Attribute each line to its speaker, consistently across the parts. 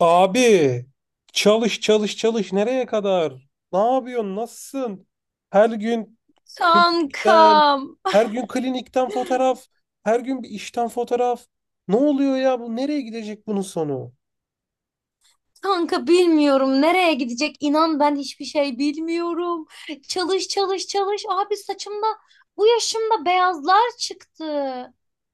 Speaker 1: Abi çalış çalış çalış nereye kadar? Ne yapıyorsun? Nasılsın? Her gün klinikten,
Speaker 2: Kankam,
Speaker 1: her gün klinikten fotoğraf, her gün bir işten fotoğraf. Ne oluyor ya bu? Nereye gidecek bunun sonu?
Speaker 2: kanka bilmiyorum nereye gidecek İnan, ben hiçbir şey bilmiyorum. Çalış çalış çalış abi saçımda bu yaşımda beyazlar çıktı.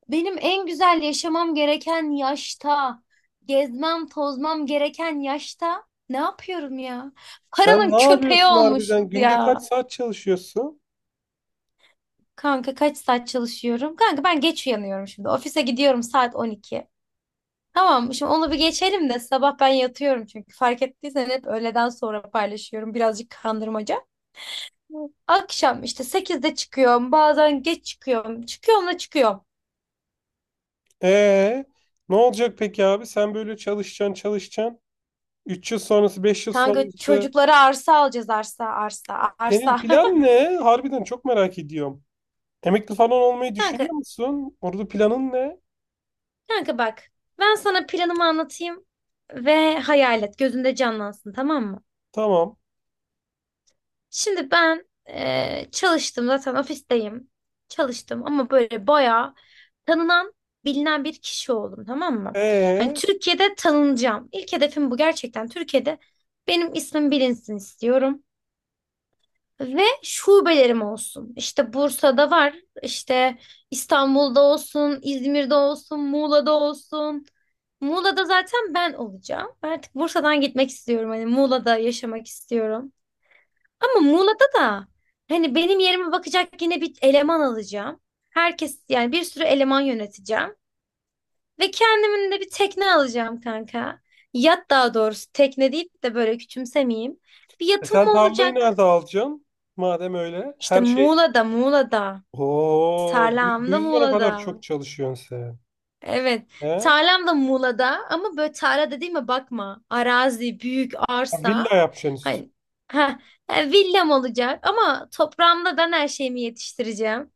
Speaker 2: Benim en güzel yaşamam gereken yaşta, gezmem tozmam gereken yaşta ne yapıyorum ya?
Speaker 1: Sen ne
Speaker 2: Paranın köpeği
Speaker 1: yapıyorsun
Speaker 2: olmuşuz
Speaker 1: harbiden? Günde kaç
Speaker 2: ya.
Speaker 1: saat çalışıyorsun?
Speaker 2: Kanka kaç saat çalışıyorum? Kanka ben geç uyanıyorum şimdi. Ofise gidiyorum saat 12. Tamam, şimdi onu bir geçelim de sabah ben yatıyorum çünkü fark ettiysen hep öğleden sonra paylaşıyorum birazcık kandırmaca. Akşam işte sekizde çıkıyorum bazen geç çıkıyorum çıkıyorum da çıkıyorum.
Speaker 1: Ee, ne olacak peki abi? Sen böyle çalışacaksın, çalışacaksın. 3 yıl sonrası, 5 yıl
Speaker 2: Kanka
Speaker 1: sonrası.
Speaker 2: çocuklara arsa alacağız arsa arsa
Speaker 1: Senin
Speaker 2: arsa.
Speaker 1: plan ne? Harbiden çok merak ediyorum. Emekli falan olmayı düşünüyor
Speaker 2: Kanka,
Speaker 1: musun? Orada planın ne?
Speaker 2: kanka bak ben sana planımı anlatayım ve hayal et gözünde canlansın tamam mı?
Speaker 1: Tamam.
Speaker 2: Şimdi ben çalıştım zaten ofisteyim. Çalıştım ama böyle bayağı tanınan, bilinen bir kişi oldum tamam mı? Hani
Speaker 1: Ee,
Speaker 2: Türkiye'de tanınacağım. İlk hedefim bu gerçekten. Türkiye'de benim ismim bilinsin istiyorum. Ve şubelerim olsun. İşte Bursa'da var, işte İstanbul'da olsun, İzmir'de olsun, Muğla'da olsun. Muğla'da zaten ben olacağım. Ben artık Bursa'dan gitmek istiyorum. Hani Muğla'da yaşamak istiyorum. Ama Muğla'da da hani benim yerime bakacak yine bir eleman alacağım. Herkes yani bir sürü eleman yöneteceğim. Ve kendimin de bir tekne alacağım kanka. Yat daha doğrusu tekne deyip de böyle küçümsemeyeyim. Bir
Speaker 1: e
Speaker 2: yatım
Speaker 1: sen tarlayı
Speaker 2: olacak.
Speaker 1: nerede alacaksın? Madem öyle.
Speaker 2: İşte
Speaker 1: Her şey...
Speaker 2: Muğla'da, Muğla'da.
Speaker 1: Oo, bu,
Speaker 2: Tarlam
Speaker 1: bu
Speaker 2: da
Speaker 1: yüzden o kadar
Speaker 2: Muğla'da.
Speaker 1: çok çalışıyorsun sen.
Speaker 2: Evet.
Speaker 1: He?
Speaker 2: Tarlam da Muğla'da ama böyle tarla dediğime bakma. Arazi, büyük
Speaker 1: Ha,
Speaker 2: arsa.
Speaker 1: villa yapacaksın üstüne.
Speaker 2: Hani ha villam olacak ama toprağımda ben her şeyimi yetiştireceğim.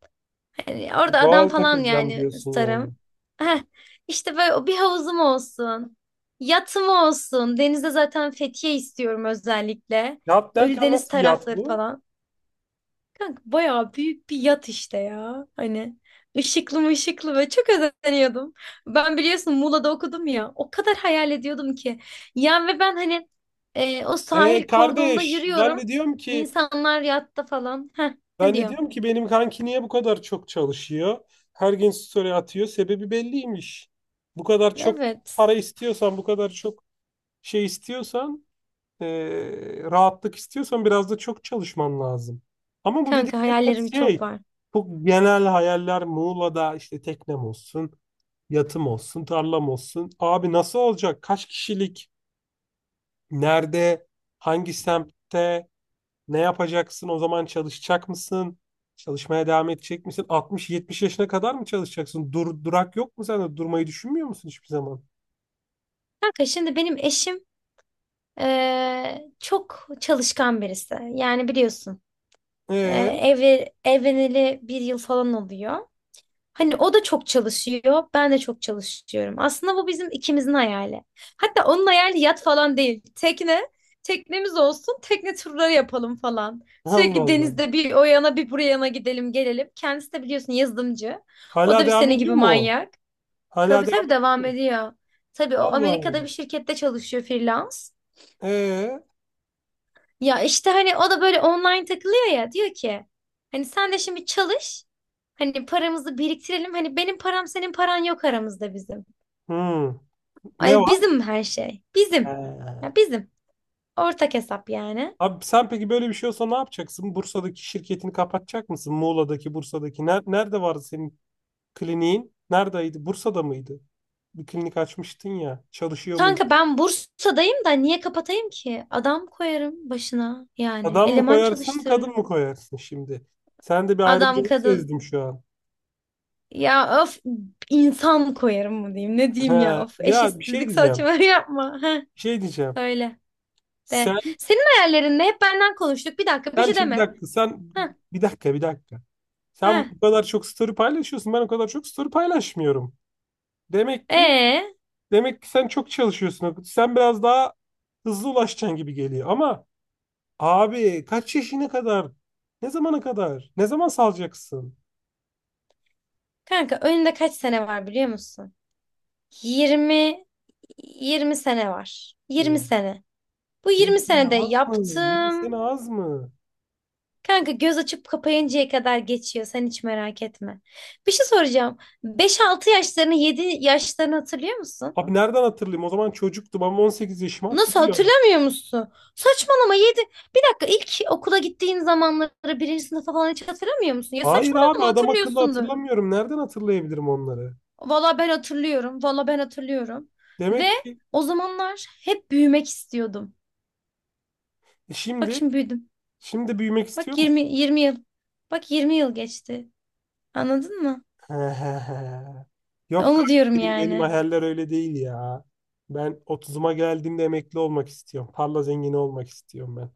Speaker 2: Yani orada adam
Speaker 1: Doğal
Speaker 2: falan
Speaker 1: takılacağım
Speaker 2: yani
Speaker 1: diyorsun yani.
Speaker 2: isterim. Heh, işte böyle o bir havuzum olsun. Yatım olsun. Denize zaten Fethiye istiyorum özellikle.
Speaker 1: Yat derken
Speaker 2: Ölüdeniz
Speaker 1: nasıl bir yat
Speaker 2: tarafları
Speaker 1: bu?
Speaker 2: falan. Kanka bayağı büyük bir yat işte ya. Hani ışıklı mı ışıklı ve çok özeniyordum. Ben biliyorsun Muğla'da okudum ya. O kadar hayal ediyordum ki. Yani ve ben hani o sahil kordonda
Speaker 1: Kardeş ben
Speaker 2: yürüyorum.
Speaker 1: de diyorum ki
Speaker 2: İnsanlar yatta falan. Heh, ne
Speaker 1: ben de
Speaker 2: diyor?
Speaker 1: diyorum ki benim kanki niye bu kadar çok çalışıyor? Her gün story atıyor. Sebebi belliymiş. Bu kadar çok
Speaker 2: Evet.
Speaker 1: para istiyorsan, bu kadar çok şey istiyorsan, rahatlık istiyorsan biraz da çok çalışman lazım. Ama bu
Speaker 2: Kanka
Speaker 1: dediklerim hep
Speaker 2: hayallerim
Speaker 1: şey,
Speaker 2: çok var.
Speaker 1: çok genel hayaller, Muğla'da işte teknem olsun, yatım olsun, tarlam olsun. Abi nasıl olacak? Kaç kişilik? Nerede? Hangi semtte? Ne yapacaksın? O zaman çalışacak mısın? Çalışmaya devam edecek misin? 60-70 yaşına kadar mı çalışacaksın? Dur, durak yok mu sende? Durmayı düşünmüyor musun hiçbir zaman?
Speaker 2: Kanka şimdi benim eşim çok çalışkan birisi. Yani biliyorsun eee,
Speaker 1: Ee,
Speaker 2: evli, evleneli bir yıl falan oluyor. Hani o da çok çalışıyor, ben de çok çalışıyorum. Aslında bu bizim ikimizin hayali. Hatta onun hayali yat falan değil. Teknemiz olsun, tekne turları yapalım falan.
Speaker 1: Allah
Speaker 2: Sürekli
Speaker 1: Allah.
Speaker 2: denizde bir o yana bir buraya yana gidelim gelelim. Kendisi de biliyorsun yazılımcı. O da
Speaker 1: Hala
Speaker 2: bir
Speaker 1: devam
Speaker 2: senin gibi
Speaker 1: ediyor mu?
Speaker 2: manyak.
Speaker 1: Hala
Speaker 2: Tabii
Speaker 1: devam
Speaker 2: tabii
Speaker 1: ediyor
Speaker 2: devam
Speaker 1: mu?
Speaker 2: ediyor. Tabii o
Speaker 1: Allah
Speaker 2: Amerika'da
Speaker 1: Allah.
Speaker 2: bir şirkette çalışıyor freelance.
Speaker 1: Ee,
Speaker 2: Ya işte hani o da böyle online takılıyor ya diyor ki hani sen de şimdi çalış hani paramızı biriktirelim hani benim param senin paran yok aramızda bizim.
Speaker 1: hmm. Ne
Speaker 2: Ay
Speaker 1: var?
Speaker 2: bizim her şey bizim
Speaker 1: Ee.
Speaker 2: ya bizim ortak hesap yani.
Speaker 1: Abi sen peki böyle bir şey olsa ne yapacaksın? Bursa'daki şirketini kapatacak mısın? Muğla'daki, Bursa'daki. Nerede vardı senin kliniğin? Neredeydi? Bursa'da mıydı? Bir klinik açmıştın ya. Çalışıyor muydu?
Speaker 2: Kanka ben Bursa'dayım da niye kapatayım ki? Adam koyarım başına yani
Speaker 1: Adam mı
Speaker 2: eleman
Speaker 1: koyarsın, kadın
Speaker 2: çalıştırırım.
Speaker 1: mı koyarsın şimdi? Sen de bir
Speaker 2: Adam
Speaker 1: ayrımcılık
Speaker 2: kadın
Speaker 1: sezdim şu an.
Speaker 2: ya of insan koyarım mı diyeyim ne diyeyim ya
Speaker 1: He,
Speaker 2: of
Speaker 1: ya bir şey
Speaker 2: eşitsizlik saçma
Speaker 1: diyeceğim.
Speaker 2: yapma. Heh,
Speaker 1: Bir şey diyeceğim.
Speaker 2: öyle. De.
Speaker 1: Sen,
Speaker 2: Senin hayallerinde hep benden konuştuk. Bir dakika bir
Speaker 1: sen
Speaker 2: şey
Speaker 1: şimdi bir
Speaker 2: deme.
Speaker 1: dakika,
Speaker 2: Heh,
Speaker 1: bir dakika, bir dakika. Sen
Speaker 2: heh.
Speaker 1: bu kadar çok story paylaşıyorsun. Ben o kadar çok story paylaşmıyorum. Demek ki
Speaker 2: Ee,
Speaker 1: demek ki sen çok çalışıyorsun. Akut. Sen biraz daha hızlı ulaşacaksın gibi geliyor. Ama abi kaç yaşına kadar? Ne zamana kadar? Ne zaman salacaksın?
Speaker 2: kanka önünde kaç sene var biliyor musun? 20 20 sene var.
Speaker 1: Oo,
Speaker 2: Yirmi sene. Bu
Speaker 1: 20
Speaker 2: 20
Speaker 1: sene
Speaker 2: senede
Speaker 1: az mı? 20
Speaker 2: yaptım.
Speaker 1: sene az mı?
Speaker 2: Kanka göz açıp kapayıncaya kadar geçiyor. Sen hiç merak etme. Bir şey soracağım. Beş altı yaşlarını 7 yaşlarını hatırlıyor musun?
Speaker 1: Abi nereden hatırlayayım? O zaman çocuktum ama 18 yaşımı
Speaker 2: Nasıl
Speaker 1: hatırlıyorum.
Speaker 2: hatırlamıyor musun? Saçmalama 7. Bir dakika ilk okula gittiğin zamanları birinci sınıfa falan hiç hatırlamıyor musun? Ya
Speaker 1: Hayır abi
Speaker 2: saçmalama
Speaker 1: adam akıllı
Speaker 2: hatırlıyorsundur.
Speaker 1: hatırlamıyorum. Nereden hatırlayabilirim onları?
Speaker 2: Valla ben hatırlıyorum. Valla ben hatırlıyorum. Ve
Speaker 1: Demek ki
Speaker 2: o zamanlar hep büyümek istiyordum.
Speaker 1: e,
Speaker 2: Bak
Speaker 1: şimdi
Speaker 2: şimdi büyüdüm.
Speaker 1: şimdi büyümek istiyor
Speaker 2: Bak 20
Speaker 1: musun?
Speaker 2: 20 yıl. Bak 20 yıl geçti. Anladın mı?
Speaker 1: He he he. Yok
Speaker 2: Onu
Speaker 1: kanka,
Speaker 2: diyorum
Speaker 1: benim
Speaker 2: yani.
Speaker 1: hayaller öyle değil ya. Ben 30'uma geldiğimde emekli olmak istiyorum. Tarla zengini olmak istiyorum ben.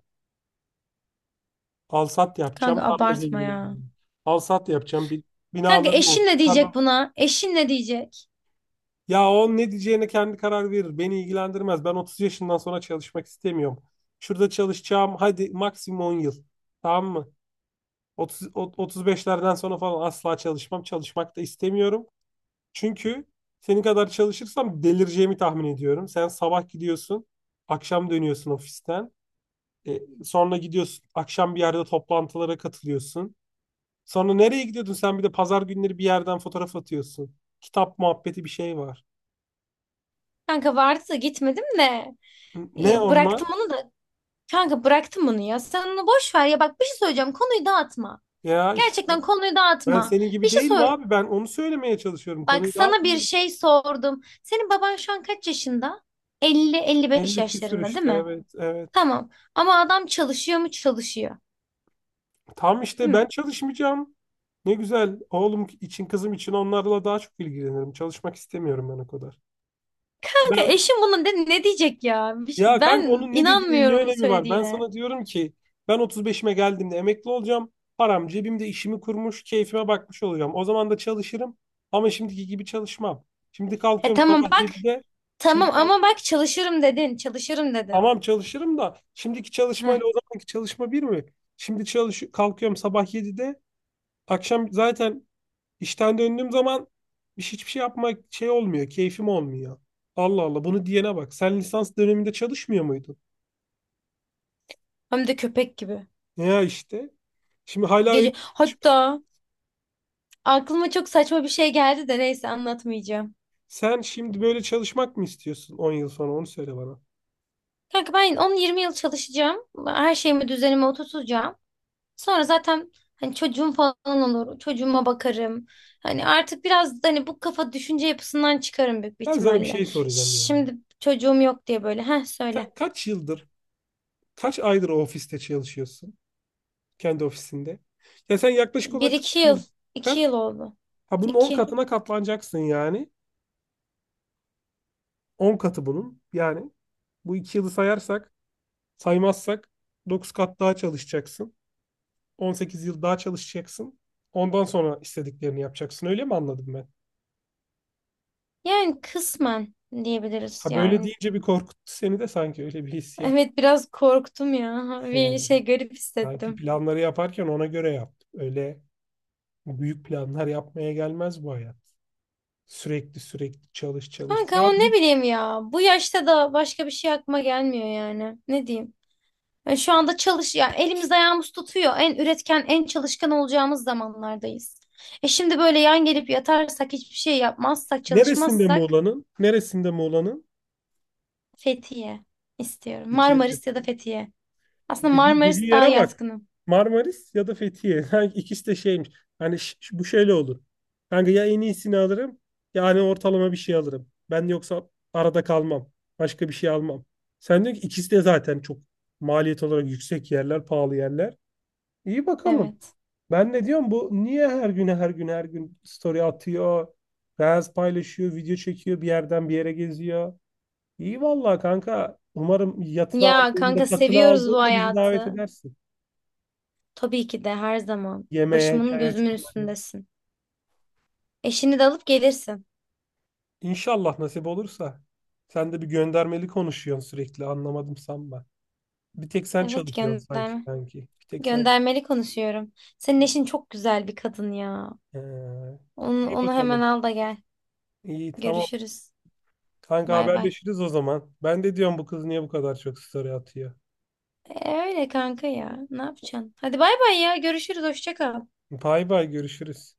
Speaker 1: Alsat
Speaker 2: Kanka
Speaker 1: yapacağım, tarla
Speaker 2: abartma
Speaker 1: zengini
Speaker 2: ya.
Speaker 1: olacağım. Alsat yapacağım, bir
Speaker 2: Kanka
Speaker 1: binalarım
Speaker 2: eşin
Speaker 1: olsun.
Speaker 2: ne
Speaker 1: Tarla...
Speaker 2: diyecek buna? Eşin ne diyecek?
Speaker 1: Ya o ne diyeceğine kendi karar verir. Beni ilgilendirmez. Ben 30 yaşından sonra çalışmak istemiyorum. Şurada çalışacağım, hadi maksimum 10 yıl. Tamam mı? 30, 35'lerden sonra falan asla çalışmam. Çalışmak da istemiyorum. Çünkü senin kadar çalışırsam delireceğimi tahmin ediyorum. Sen sabah gidiyorsun, akşam dönüyorsun ofisten. Sonra gidiyorsun, akşam bir yerde toplantılara katılıyorsun. Sonra nereye gidiyordun sen, bir de pazar günleri bir yerden fotoğraf atıyorsun. Kitap muhabbeti bir şey var.
Speaker 2: Kanka vardı da gitmedim de. E,
Speaker 1: Ne
Speaker 2: bıraktım
Speaker 1: onlar?
Speaker 2: onu da. Kanka bıraktım bunu ya. Sen onu boş ver ya. Bak bir şey söyleyeceğim. Konuyu dağıtma.
Speaker 1: Ya işte
Speaker 2: Gerçekten konuyu
Speaker 1: ben
Speaker 2: dağıtma.
Speaker 1: senin
Speaker 2: Bir
Speaker 1: gibi
Speaker 2: şey
Speaker 1: değilim
Speaker 2: sor.
Speaker 1: abi, ben onu söylemeye çalışıyorum.
Speaker 2: Bak
Speaker 1: Konuyu
Speaker 2: sana bir
Speaker 1: dağıtmıyorum.
Speaker 2: şey sordum. Senin baban şu an kaç yaşında? 50-55
Speaker 1: 50 küsür
Speaker 2: yaşlarında değil
Speaker 1: işte,
Speaker 2: mi?
Speaker 1: evet evet.
Speaker 2: Tamam. Ama adam çalışıyor mu? Çalışıyor.
Speaker 1: Tam işte
Speaker 2: Değil
Speaker 1: ben
Speaker 2: mi?
Speaker 1: çalışmayacağım. Ne güzel. Oğlum için kızım için onlarla daha çok ilgilenirim. Çalışmak istemiyorum ben o kadar.
Speaker 2: Kanka
Speaker 1: Ben,
Speaker 2: eşim buna ne diyecek ya?
Speaker 1: ya kanka
Speaker 2: Ben
Speaker 1: onun ne dediğinin ne
Speaker 2: inanmıyorum
Speaker 1: önemi var? Ben
Speaker 2: söylediğine.
Speaker 1: sana diyorum ki ben 35'ime geldiğimde emekli olacağım. Param cebimde, işimi kurmuş, keyfime bakmış olacağım. O zaman da çalışırım ama şimdiki gibi çalışmam. Şimdi
Speaker 2: E
Speaker 1: kalkıyorum
Speaker 2: tamam
Speaker 1: sabah
Speaker 2: bak.
Speaker 1: 7'de. Şimdi
Speaker 2: Tamam
Speaker 1: kalk,
Speaker 2: ama bak çalışırım dedin. Çalışırım dedin.
Speaker 1: tamam çalışırım da şimdiki
Speaker 2: Heh,
Speaker 1: çalışmayla o zamanki çalışma bir mi? Şimdi çalış kalkıyorum sabah 7'de. Akşam zaten İşten döndüğüm zaman hiçbir şey yapmak şey olmuyor, keyfim olmuyor. Allah Allah bunu diyene bak. Sen lisans döneminde çalışmıyor muydun?
Speaker 2: hem de köpek gibi.
Speaker 1: Ya işte. Şimdi hala öyle.
Speaker 2: Gece hatta aklıma çok saçma bir şey geldi de neyse anlatmayacağım.
Speaker 1: Sen şimdi böyle çalışmak mı istiyorsun? 10 yıl sonra onu söyle bana.
Speaker 2: Kanka ben 10-20 yıl çalışacağım. Her şeyimi düzenime oturtacağım. Sonra zaten hani çocuğum falan olur. Çocuğuma bakarım. Hani artık biraz hani bu kafa düşünce yapısından çıkarım büyük bir
Speaker 1: Ben sana bir
Speaker 2: ihtimalle.
Speaker 1: şey soracağım yani.
Speaker 2: Şimdi çocuğum yok diye böyle. Heh,
Speaker 1: Sen
Speaker 2: söyle.
Speaker 1: kaç yıldır, kaç aydır o ofiste çalışıyorsun? Kendi ofisinde. Ya sen yaklaşık
Speaker 2: Bir
Speaker 1: olarak
Speaker 2: iki
Speaker 1: kaç
Speaker 2: yıl.
Speaker 1: yıl?
Speaker 2: İki yıl
Speaker 1: Kaç?
Speaker 2: oldu.
Speaker 1: Ha bunun 10
Speaker 2: İki.
Speaker 1: katına katlanacaksın yani. 10 katı bunun. Yani bu 2 yılı sayarsak, saymazsak 9 kat daha çalışacaksın. 18 yıl daha çalışacaksın. Ondan sonra istediklerini yapacaksın. Öyle mi anladım ben?
Speaker 2: Yani kısmen diyebiliriz
Speaker 1: Ha böyle
Speaker 2: yani.
Speaker 1: deyince bir korkuttu seni de, sanki öyle bir hissiyat.
Speaker 2: Evet biraz korktum ya. Bir
Speaker 1: He.
Speaker 2: şey garip
Speaker 1: Sanki
Speaker 2: hissettim.
Speaker 1: planları yaparken ona göre yap. Öyle büyük planlar yapmaya gelmez bu hayat. Sürekli sürekli çalış çalış.
Speaker 2: Kanka
Speaker 1: Biraz
Speaker 2: ama ne
Speaker 1: git.
Speaker 2: bileyim ya. Bu yaşta da başka bir şey aklıma gelmiyor yani. Ne diyeyim? E, şu anda çalış yani elimiz ayağımız tutuyor. En üretken, en çalışkan olacağımız zamanlardayız. E şimdi böyle yan gelip yatarsak, hiçbir şey yapmazsak,
Speaker 1: Neresinde
Speaker 2: çalışmazsak
Speaker 1: Muğla'nın? Neresinde Muğla'nın?
Speaker 2: Fethiye istiyorum.
Speaker 1: Fethiye.
Speaker 2: Marmaris ya da Fethiye. Aslında
Speaker 1: Dediği
Speaker 2: Marmaris daha
Speaker 1: yere bak.
Speaker 2: yatkınım.
Speaker 1: Marmaris ya da Fethiye. Sanki ikisi de şeymiş. Hani bu şöyle olur. Kanka ya en iyisini alırım ya hani ortalama bir şey alırım. Ben yoksa arada kalmam. Başka bir şey almam. Sen diyorsun ki ikisi de zaten çok maliyet olarak yüksek yerler, pahalı yerler. İyi bakalım.
Speaker 2: Evet.
Speaker 1: Ben ne diyorum bu niye her gün her gün story atıyor, reels paylaşıyor, video çekiyor, bir yerden bir yere geziyor. İyi vallahi kanka. Umarım yatını
Speaker 2: Ya
Speaker 1: aldığında,
Speaker 2: kanka
Speaker 1: katını
Speaker 2: seviyoruz bu
Speaker 1: aldığında bizi davet
Speaker 2: hayatı.
Speaker 1: edersin.
Speaker 2: Tabii ki de her zaman.
Speaker 1: Yemeğe,
Speaker 2: Başımın
Speaker 1: çaya
Speaker 2: gözümün
Speaker 1: çıkmaya.
Speaker 2: üstündesin. Eşini de alıp gelirsin.
Speaker 1: İnşallah nasip olursa. Sen de bir göndermeli konuşuyorsun sürekli. Anlamadım sanma. Bir tek sen
Speaker 2: Evet
Speaker 1: çalışıyorsun sanki
Speaker 2: gönderme.
Speaker 1: kanki. Bir tek sen.
Speaker 2: Göndermeli konuşuyorum. Senin eşin çok güzel bir kadın ya.
Speaker 1: Ee,
Speaker 2: Onu,
Speaker 1: iyi
Speaker 2: onu hemen
Speaker 1: bakalım.
Speaker 2: al da gel.
Speaker 1: İyi tamam.
Speaker 2: Görüşürüz.
Speaker 1: Kanka
Speaker 2: Bay bay.
Speaker 1: haberleşiriz o zaman. Ben de diyorum bu kız niye bu kadar çok story atıyor.
Speaker 2: E, öyle kanka ya. Ne yapacaksın? Hadi bay bay ya. Görüşürüz. Hoşça kal.
Speaker 1: Bay bay görüşürüz.